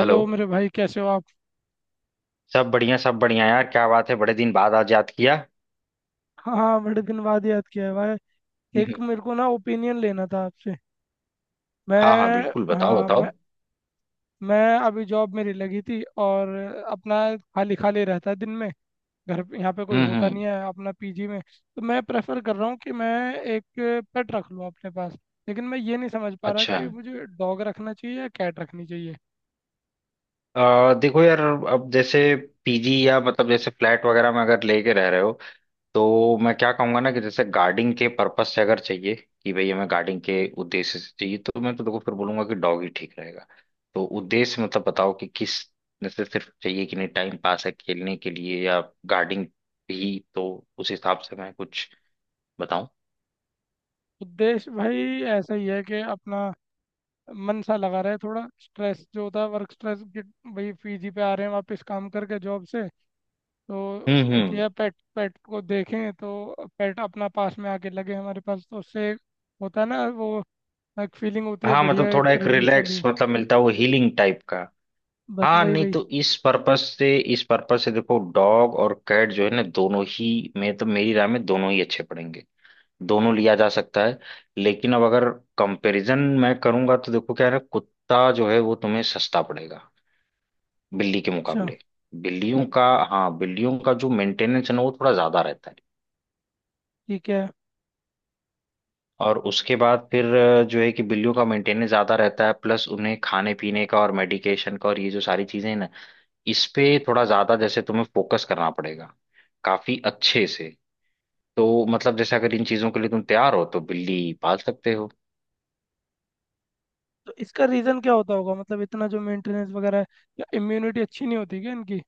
Hello. मेरे भाई कैसे हो आप। सब बढ़िया यार, क्या बात है, बड़े दिन बाद आज याद किया। हाँ हाँ, बड़े दिन बाद याद किया है भाई। एक हम्म। मेरे को ना ओपिनियन लेना था आपसे। हाँ हाँ, मैं बिल्कुल बताओ हाँ बताओ। मैं अभी जॉब मेरी लगी थी और अपना खाली खाली रहता है दिन में। यहाँ पे कोई होता हम्म। नहीं है अपना पीजी में, तो मैं प्रेफर कर रहा हूँ कि मैं एक पेट रख लूँ अपने पास। लेकिन मैं ये नहीं समझ पा रहा अच्छा। कि मुझे डॉग रखना चाहिए या कैट रखनी चाहिए। देखो यार, अब जैसे पीजी या मतलब जैसे फ्लैट वगैरह में अगर लेके रह रहे हो, तो मैं क्या कहूंगा ना, कि जैसे गार्डिंग के पर्पस से अगर चाहिए कि भाई हमें गार्डिंग के उद्देश्य से चाहिए, तो मैं तो देखो फिर बोलूंगा कि डॉग ही ठीक रहेगा। तो उद्देश्य मतलब बताओ कि किस, जैसे सिर्फ चाहिए कि नहीं टाइम पास है खेलने के लिए, या गार्डिंग भी, तो उस हिसाब से मैं कुछ बताऊं। तो देश भाई ऐसा ही है कि अपना मन सा लगा रहे, थोड़ा स्ट्रेस जो होता है वर्क स्ट्रेस, कि भाई फीजी पे आ रहे हैं वापस काम करके जॉब से। तो एक हम्म। यह पेट पेट को देखें तो, पेट अपना पास में आके लगे हमारे पास तो उससे होता है ना वो, एक फीलिंग होती है हाँ, मतलब बढ़िया, थोड़ा एक एक रिलीफ रिलैक्स वाली। मतलब मिलता है वो, हीलिंग टाइप का। बस हाँ, वही नहीं वही तो इस पर्पस से, इस पर्पस से देखो डॉग और कैट जो है ना, दोनों ही में तो मेरी राय में दोनों ही अच्छे पड़ेंगे। दोनों लिया जा सकता है। लेकिन अब अगर कंपैरिजन मैं करूंगा तो देखो क्या है ना, कुत्ता जो है वो तुम्हें सस्ता पड़ेगा बिल्ली के अच्छा, मुकाबले। बिल्लियों का, हाँ, बिल्लियों का जो मेंटेनेंस है ना वो थोड़ा ज्यादा रहता है। ठीक है। और उसके बाद फिर जो है कि बिल्लियों का मेंटेनेंस ज्यादा रहता है, प्लस उन्हें खाने पीने का और मेडिकेशन का और ये जो सारी चीजें हैं ना, इस पे थोड़ा ज्यादा जैसे तुम्हें फोकस करना पड़ेगा, काफी अच्छे से। तो मतलब जैसे अगर इन चीजों के लिए तुम तैयार हो तो बिल्ली पाल सकते हो। तो इसका रीज़न क्या होता होगा, मतलब इतना जो मेंटेनेंस वगैरह है, क्या इम्यूनिटी अच्छी नहीं होती क्या इनकी?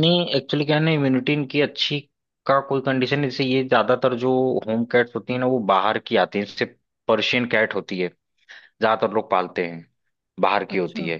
नहीं, एक्चुअली क्या है ना, इम्यूनिटी इनकी अच्छी का कोई कंडीशन नहीं, जैसे ये ज्यादातर जो होम कैट्स होती है ना वो बाहर की आती है, जैसे पर्शियन कैट होती है, ज्यादातर लोग पालते हैं, बाहर की होती अच्छा है।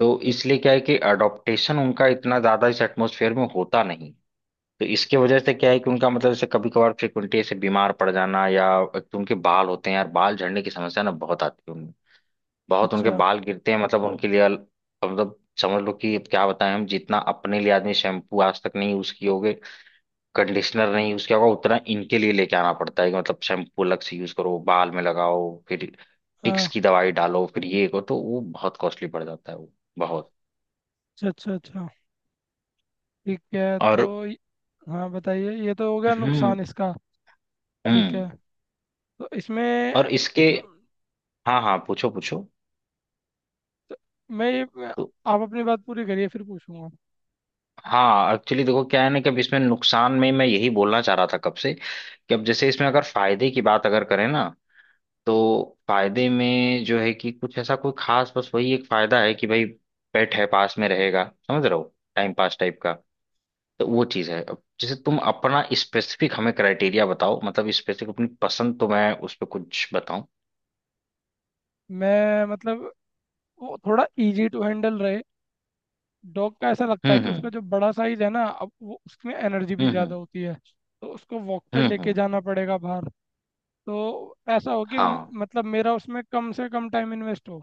तो इसलिए क्या है कि अडॉप्टेशन उनका इतना ज्यादा इस एटमोसफेयर में होता नहीं। तो इसके वजह से क्या है कि उनका मतलब जैसे कभी कभार फ्रिक्वेंटली ऐसे बीमार पड़ जाना, या एक तो उनके बाल होते हैं यार, बाल झड़ने की समस्या ना बहुत आती है उनमें, बहुत उनके अच्छा। बाल गिरते हैं, मतलब उनके लिए मतलब समझ लो कि अब क्या बताएं, हम जितना अपने लिए आदमी शैम्पू आज तक नहीं यूज किए होगे, कंडीशनर नहीं यूज किया होगा, उतना इनके लिए लेके आना पड़ता है कि मतलब शैम्पू अलग से यूज करो, बाल में लगाओ, फिर टिक्स हाँ। की दवाई डालो, फिर ये करो, तो वो बहुत कॉस्टली पड़ जाता है वो, बहुत। अच्छा अच्छा अच्छा, ठीक है। और हाँ, बताइए, ये तो हो गया हम्म नुकसान इसका। ठीक हम्म। है, तो इसमें और इसके, अम, हाँ हाँ, पूछो पूछो। तो मैं ये मैं- तो आप अपनी बात पूरी करिए फिर पूछूंगा। हाँ, एक्चुअली देखो क्या है ना कि अब इसमें नुकसान में मैं यही बोलना चाह रहा था कब से, कि अब जैसे इसमें अगर फायदे की बात अगर करें ना, तो फायदे में जो है कि कुछ ऐसा कोई खास, बस वही एक फायदा है कि भाई पेट है पास में रहेगा, समझ रहे हो, टाइम पास टाइप का। तो वो चीज है। अब जैसे तुम अपना स्पेसिफिक हमें क्राइटेरिया बताओ, मतलब स्पेसिफिक अपनी पसंद, तो मैं उस पर कुछ बताऊं। मैं मतलब वो थोड़ा इजी टू हैंडल रहे। डॉग का ऐसा लगता है कि उसका हम्म। जो बड़ा साइज है ना, अब वो उसमें एनर्जी भी ज़्यादा हम्म। होती है, तो उसको वॉक पे लेके हम्म। जाना पड़ेगा बाहर। तो ऐसा हो कि हाँ। मतलब मेरा उसमें कम से कम टाइम इन्वेस्ट हो।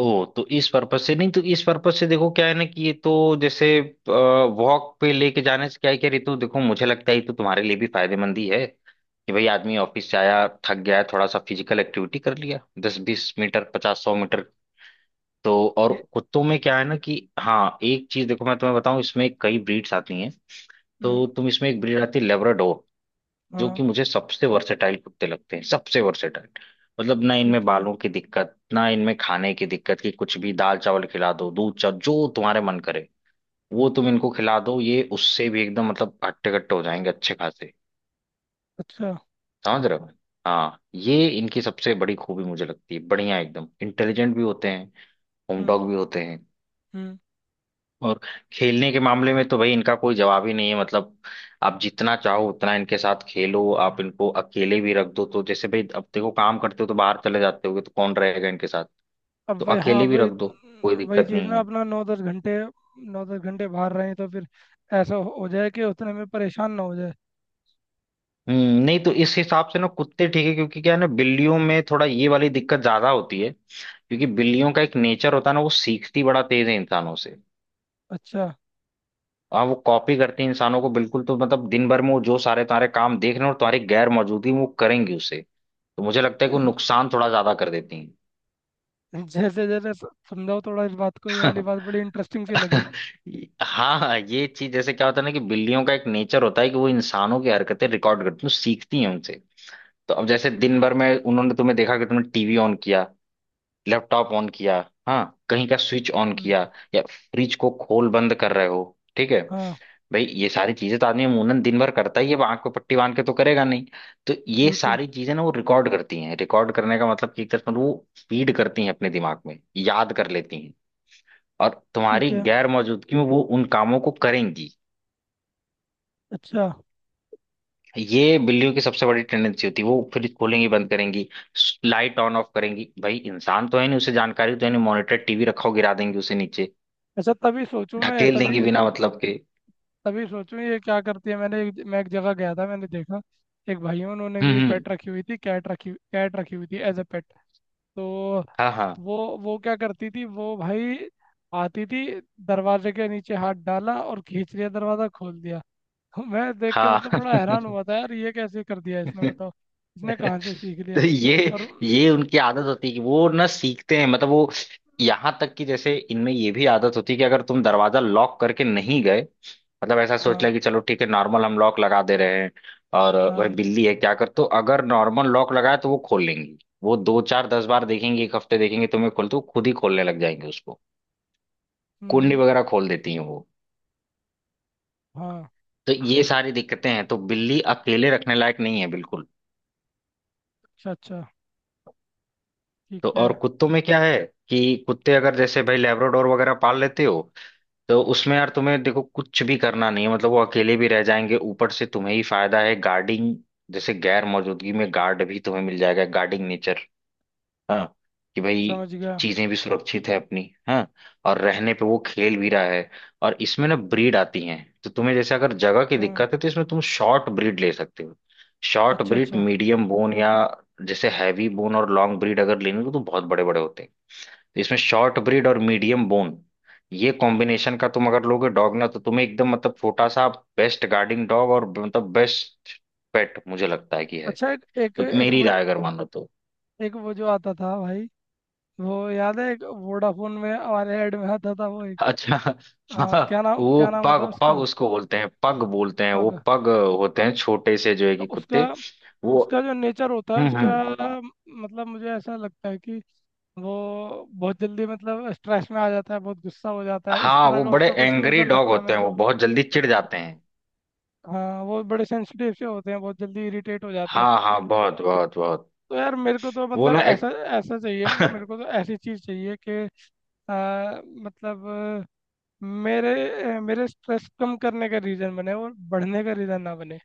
ओ तो इस पर्पज से, नहीं तो इस पर्पज से देखो क्या है ना कि ये तो, जैसे वॉक पे लेके जाने से क्या है, क्या रितु देखो मुझे लगता है ये तो तुम्हारे लिए भी फायदेमंद ही है कि भाई आदमी ऑफिस से आया थक गया है, थोड़ा सा फिजिकल एक्टिविटी कर लिया, 10 20 मीटर, 50 100 मीटर। तो और ये। कुत्तों में क्या है ना कि, हाँ एक चीज देखो मैं तुम्हें बताऊं, इसमें कई ब्रीड्स आती हैं। हम्म। तो तुम इसमें एक ब्रीड आती है लेब्राडोर, जो हाँ, कि मुझे सबसे वर्सेटाइल कुत्ते लगते हैं, सबसे वर्सेटाइल। मतलब ना इनमें ठीक है। बालों की दिक्कत, ना इनमें खाने की दिक्कत, कि कुछ भी दाल चावल खिला दो, दूध चावल जो तुम्हारे मन करे वो तुम इनको खिला दो, ये उससे भी एकदम मतलब हट्टे कट्टे हो जाएंगे, अच्छे खासे, अच्छा। समझ रहे हो। हाँ, ये इनकी सबसे बड़ी खूबी मुझे लगती है, बढ़िया, एकदम इंटेलिजेंट भी होते हैं, होम हम्म डॉग भी होते हैं। हम्म। और खेलने के मामले में तो भाई इनका कोई जवाब ही नहीं है, मतलब आप जितना चाहो उतना इनके साथ खेलो, आप इनको अकेले भी रख दो, तो जैसे भाई अब देखो, काम करते हो तो बाहर चले जाते होगे तो कौन रहेगा इनके साथ, अब तो वही, हाँ अकेले भी वही। रख दो, कोई वही दिक्कत चीज़ नहीं ना, है। अपना नौ दस घंटे, नौ दस घंटे बाहर रहे तो फिर ऐसा हो जाए कि उतने में परेशान ना हो जाए। हम्म, नहीं तो इस हिसाब से ना कुत्ते ठीक है, क्योंकि क्या है ना बिल्लियों में थोड़ा ये वाली दिक्कत ज्यादा होती है, क्योंकि बिल्लियों का एक नेचर होता है ना, वो सीखती बड़ा तेज है इंसानों से। अच्छा। हाँ, वो कॉपी करती हैं इंसानों को बिल्कुल, तो मतलब दिन भर में वो जो सारे तुम्हारे काम देख रहे हैं, और तुम्हारी गैर मौजूदगी में वो करेंगी उसे। तो मुझे लगता है कि वो नुकसान थोड़ा ज्यादा कर देती जैसे जैसे समझाओ थोड़ा इस बात को, ये हैं। वाली बात बड़ी इंटरेस्टिंग सी लगी। हाँ हाँ, ये चीज जैसे क्या होता है ना कि बिल्लियों का एक नेचर होता है कि वो इंसानों की हरकतें रिकॉर्ड करती हैं, वो सीखती हैं उनसे। तो अब जैसे दिन भर में उन्होंने तुम्हें देखा कि तुमने टीवी ऑन किया, लैपटॉप ऑन किया, हाँ, कहीं का स्विच ऑन हम्म, किया, या फ्रिज को खोल बंद कर रहे हो, ठीक है हाँ, भाई ये सारी चीजें तो आदमी अमूमन दिन भर करता ही है, अब आंख पे पट्टी बांध के तो करेगा नहीं। तो ये बिल्कुल। सारी चीजें ना वो रिकॉर्ड करती हैं, रिकॉर्ड करने का मतलब कि एक तरह से वो फीड करती हैं अपने दिमाग में, याद कर लेती हैं, और ठीक तुम्हारी है। गैर मौजूदगी में वो उन कामों को करेंगी। अच्छा ये बिल्लियों की सबसे बड़ी टेंडेंसी होती है, वो फ्रिज खोलेंगी बंद करेंगी, लाइट ऑन ऑफ करेंगी, भाई इंसान तो है नहीं उसे जानकारी तो है नहीं, मॉनिटर टीवी रखा हो गिरा देंगी उसे नीचे, अच्छा, तभी सोचूं मैं ढकेल तभी, देंगी बिना मतलब के। तभी सोचूं ये क्या करती है। मैं एक जगह गया था, मैंने देखा एक भाई है, उन्होंने भी हम्म। पेट रखी हुई थी, कैट रखी हुई थी एज अ पेट। तो हाँ हाँ वो वो क्या करती थी वो भाई, आती थी, दरवाजे के नीचे हाथ डाला और खींच लिया, दरवाजा खोल दिया। तो मैं देख के हाँ। मतलब बड़ा हैरान हुआ था यार, ये कैसे कर दिया इसने, बताओ, इसने कहाँ से सीख लिया। तो ये और ये उनकी आदत होती है कि वो ना सीखते हैं, मतलब वो यहाँ तक कि जैसे इनमें ये भी आदत होती है कि अगर तुम दरवाजा लॉक करके नहीं गए, मतलब ऐसा सोच हाँ लिया कि चलो ठीक है नॉर्मल हम लॉक लगा दे रहे हैं, और वह हाँ। बिल्ली है क्या कर, तो अगर नॉर्मल लॉक लगाए तो वो खोल लेंगी। वो 2 4 10 बार देखेंगे, एक हफ्ते देखेंगे तुम्हें खोल तो वो खुद ही खोलने लग जाएंगे उसको, कुंडी हम्म। वगैरह खोल देती हैं वो। हाँ। तो ये सारी दिक्कतें हैं, तो बिल्ली अकेले रखने लायक नहीं है बिल्कुल। अच्छा अच्छा। ठीक तो है, और कुत्तों में क्या है कि कुत्ते अगर जैसे भाई लैब्राडोर वगैरह पाल लेते हो, तो उसमें यार तुम्हें देखो कुछ भी करना नहीं है, मतलब वो अकेले भी रह जाएंगे, ऊपर से तुम्हें ही फायदा है गार्डिंग, जैसे गैर मौजूदगी में गार्ड भी तुम्हें मिल जाएगा, गार्डिंग नेचर, हाँ, कि भाई समझ गया। चीजें भी सुरक्षित है अपनी, हाँ, और रहने पे वो खेल भी रहा है। और इसमें ना ब्रीड आती हैं, तो तुम्हें जैसे अगर जगह की हाँ। दिक्कत है तो इसमें तुम शॉर्ट ब्रीड ले सकते हो, शॉर्ट अच्छा ब्रीड अच्छा मीडियम बोन, या जैसे हैवी बोन और लॉन्ग ब्रीड अगर लेनी हो तो बहुत बड़े बड़े होते हैं। तो इसमें शॉर्ट ब्रीड और मीडियम बोन, ये कॉम्बिनेशन का तुम अगर लोगे डॉग ना, तो तुम्हें एकदम मतलब छोटा सा बेस्ट गार्डिंग डॉग, और मतलब बेस्ट पेट मुझे लगता है कि है। अच्छा। एक एक तो मेरी राय अगर मानो तो, एक वो जो आता था भाई, वो याद है एक वोडाफोन में हमारे ऐड में आता था वो, एक अच्छा, क्या हाँ, नाम, वो क्या नाम होता पग, पग है उसको बोलते हैं, पग बोलते हैं वो, उसका। पग होते हैं छोटे से जो है तो कि उसका, कुत्ते वो। उसका जो नेचर होता है उसका, हम्म। मतलब मुझे ऐसा लगता है कि वो बहुत जल्दी मतलब स्ट्रेस में आ जाता है, बहुत गुस्सा हो जाता है, इस हाँ तरह वो का बड़े उसका कुछ एंग्री नेचर डॉग लगता है होते मेरे हैं, वो को। बहुत जल्दी चिढ़ जाते हैं। हाँ वो बड़े सेंसिटिव से होते हैं, बहुत जल्दी इरिटेट हो जाते हैं। हाँ हाँ, बहुत बहुत बहुत। तो यार मेरे को तो वो मतलब ना ऐसा, एक, ऐसा चाहिए मेरे को तो ऐसी चीज़ चाहिए कि मतलब मेरे मेरे स्ट्रेस कम करने का रीज़न बने और बढ़ने का रीज़न ना बने।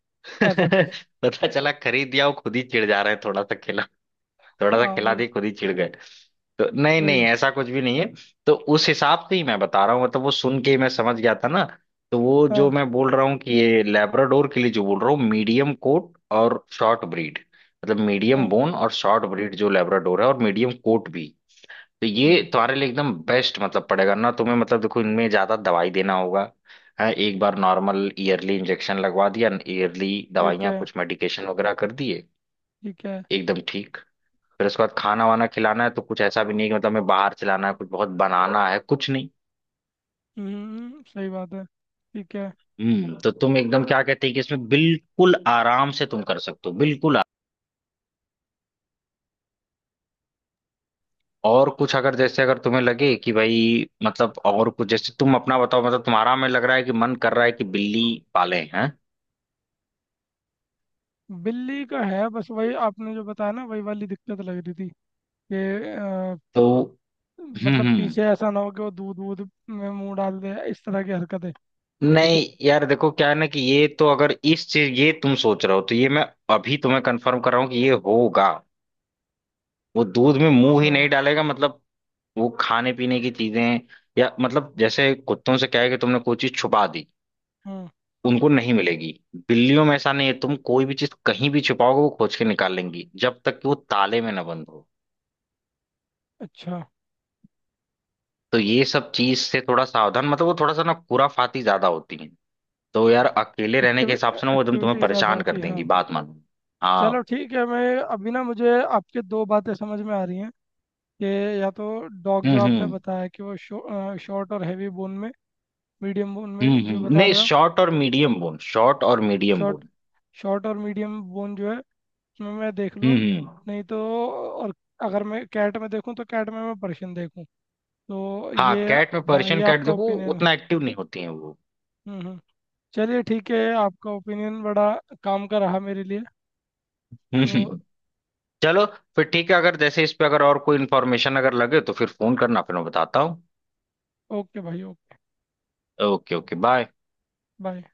ऐसा कुछ। पता चला खरीद दिया वो खुद ही चिढ़ जा रहे हैं थोड़ा सा, थोड़ा सा हाँ खिला वही, दी खुद ही चिढ़ गए। तो नहीं नहीं, वही। ऐसा कुछ भी नहीं है। तो उस हिसाब से ही मैं बता रहा हूँ, मतलब वो सुन के ही मैं समझ गया था ना। तो वो जो हाँ मैं बोल रहा हूँ कि ये लैब्राडोर के लिए जो बोल रहा हूँ, मीडियम कोट और शॉर्ट ब्रीड, मतलब मीडियम हाँ। बोन और शॉर्ट ब्रीड जो लैब्राडोर है, और मीडियम कोट भी। तो हम्म, ये तुम्हारे लिए एकदम बेस्ट मतलब पड़ेगा ना तुम्हें, मतलब देखो इनमें ज्यादा दवाई देना होगा, हाँ, एक बार नॉर्मल ईयरली इंजेक्शन लगवा दिया, ईयरली ठीक दवाइयाँ है, कुछ मेडिकेशन वगैरह कर दिए, ठीक है। एकदम ठीक। फिर उसके बाद खाना वाना खिलाना है तो कुछ ऐसा भी नहीं कि मतलब हमें बाहर से लाना है, कुछ बहुत बनाना है कुछ नहीं। हम्म, सही बात है, ठीक है। हम्म, तो तुम एकदम क्या कहते हैं कि इसमें बिल्कुल आराम से तुम कर सकते हो, बिल्कुल और कुछ अगर जैसे अगर तुम्हें लगे कि भाई मतलब, और कुछ जैसे तुम अपना बताओ, मतलब तुम्हारा में लग रहा है कि मन कर रहा है कि बिल्ली पाले हैं। बिल्ली का है, बस वही आपने जो बताया ना वही वाली दिक्कत लग रही थी कि अ, तो मतलब हम्म। पीछे ऐसा ना हो कि वो दूध वूध में मुंह डाल दे, इस तरह की हरकतें। नहीं यार देखो क्या है ना कि ये तो अगर इस चीज ये तुम सोच रहे हो, तो ये मैं अभी तुम्हें कंफर्म कर रहा हूँ कि ये होगा, वो दूध में मुंह ही अच्छा। नहीं डालेगा, मतलब वो खाने पीने की चीजें, या मतलब जैसे कुत्तों से क्या है कि तुमने कोई चीज छुपा दी हम्म। उनको नहीं मिलेगी, बिल्लियों में ऐसा नहीं है, तुम कोई भी चीज कहीं भी छुपाओगे वो खोज के निकाल लेंगी, जब तक कि वो ताले में ना बंद हो। अच्छा। तो ये सब चीज से थोड़ा सावधान, मतलब वो थोड़ा सा ना खुराफाती ज्यादा होती है। तो यार अकेले रहने के हिसाब एक्टिविटी, से ना वो एकदम तुम्हें एक्टिविटी ज़्यादा परेशान कर होती है, देंगी, हाँ। बात मानो। चलो हाँ। ठीक है, मैं अभी ना, मुझे आपके दो बातें समझ में आ रही हैं कि या तो डॉग जो आपने हम्म। बताया कि वो शॉर्ट और हैवी बोन में, मीडियम बोन में जो हम्म। बता नहीं, रहे हो आप, शॉर्ट और मीडियम बोन, शॉर्ट और मीडियम शॉर्ट, बोन। शॉर्ट और मीडियम बोन जो है उसमें मैं देख लूँ। हम्म हम्म। नहीं तो और, अगर मैं कैट में देखूँ तो कैट में मैं पर्शियन देखूँ, तो हाँ ये। कैट में हाँ पर्शियन ये कैट, आपका देखो ओपिनियन है। उतना एक्टिव नहीं होती है वो। हम्म हम्म। चलिए ठीक है, आपका ओपिनियन बड़ा काम का रहा मेरे लिए। तो चलो, फिर ठीक है, अगर जैसे इस पे अगर और कोई इन्फॉर्मेशन अगर लगे तो फिर फोन करना, फिर मैं बताता हूँ। ओके भाई, okay. Okay okay bye. Bye.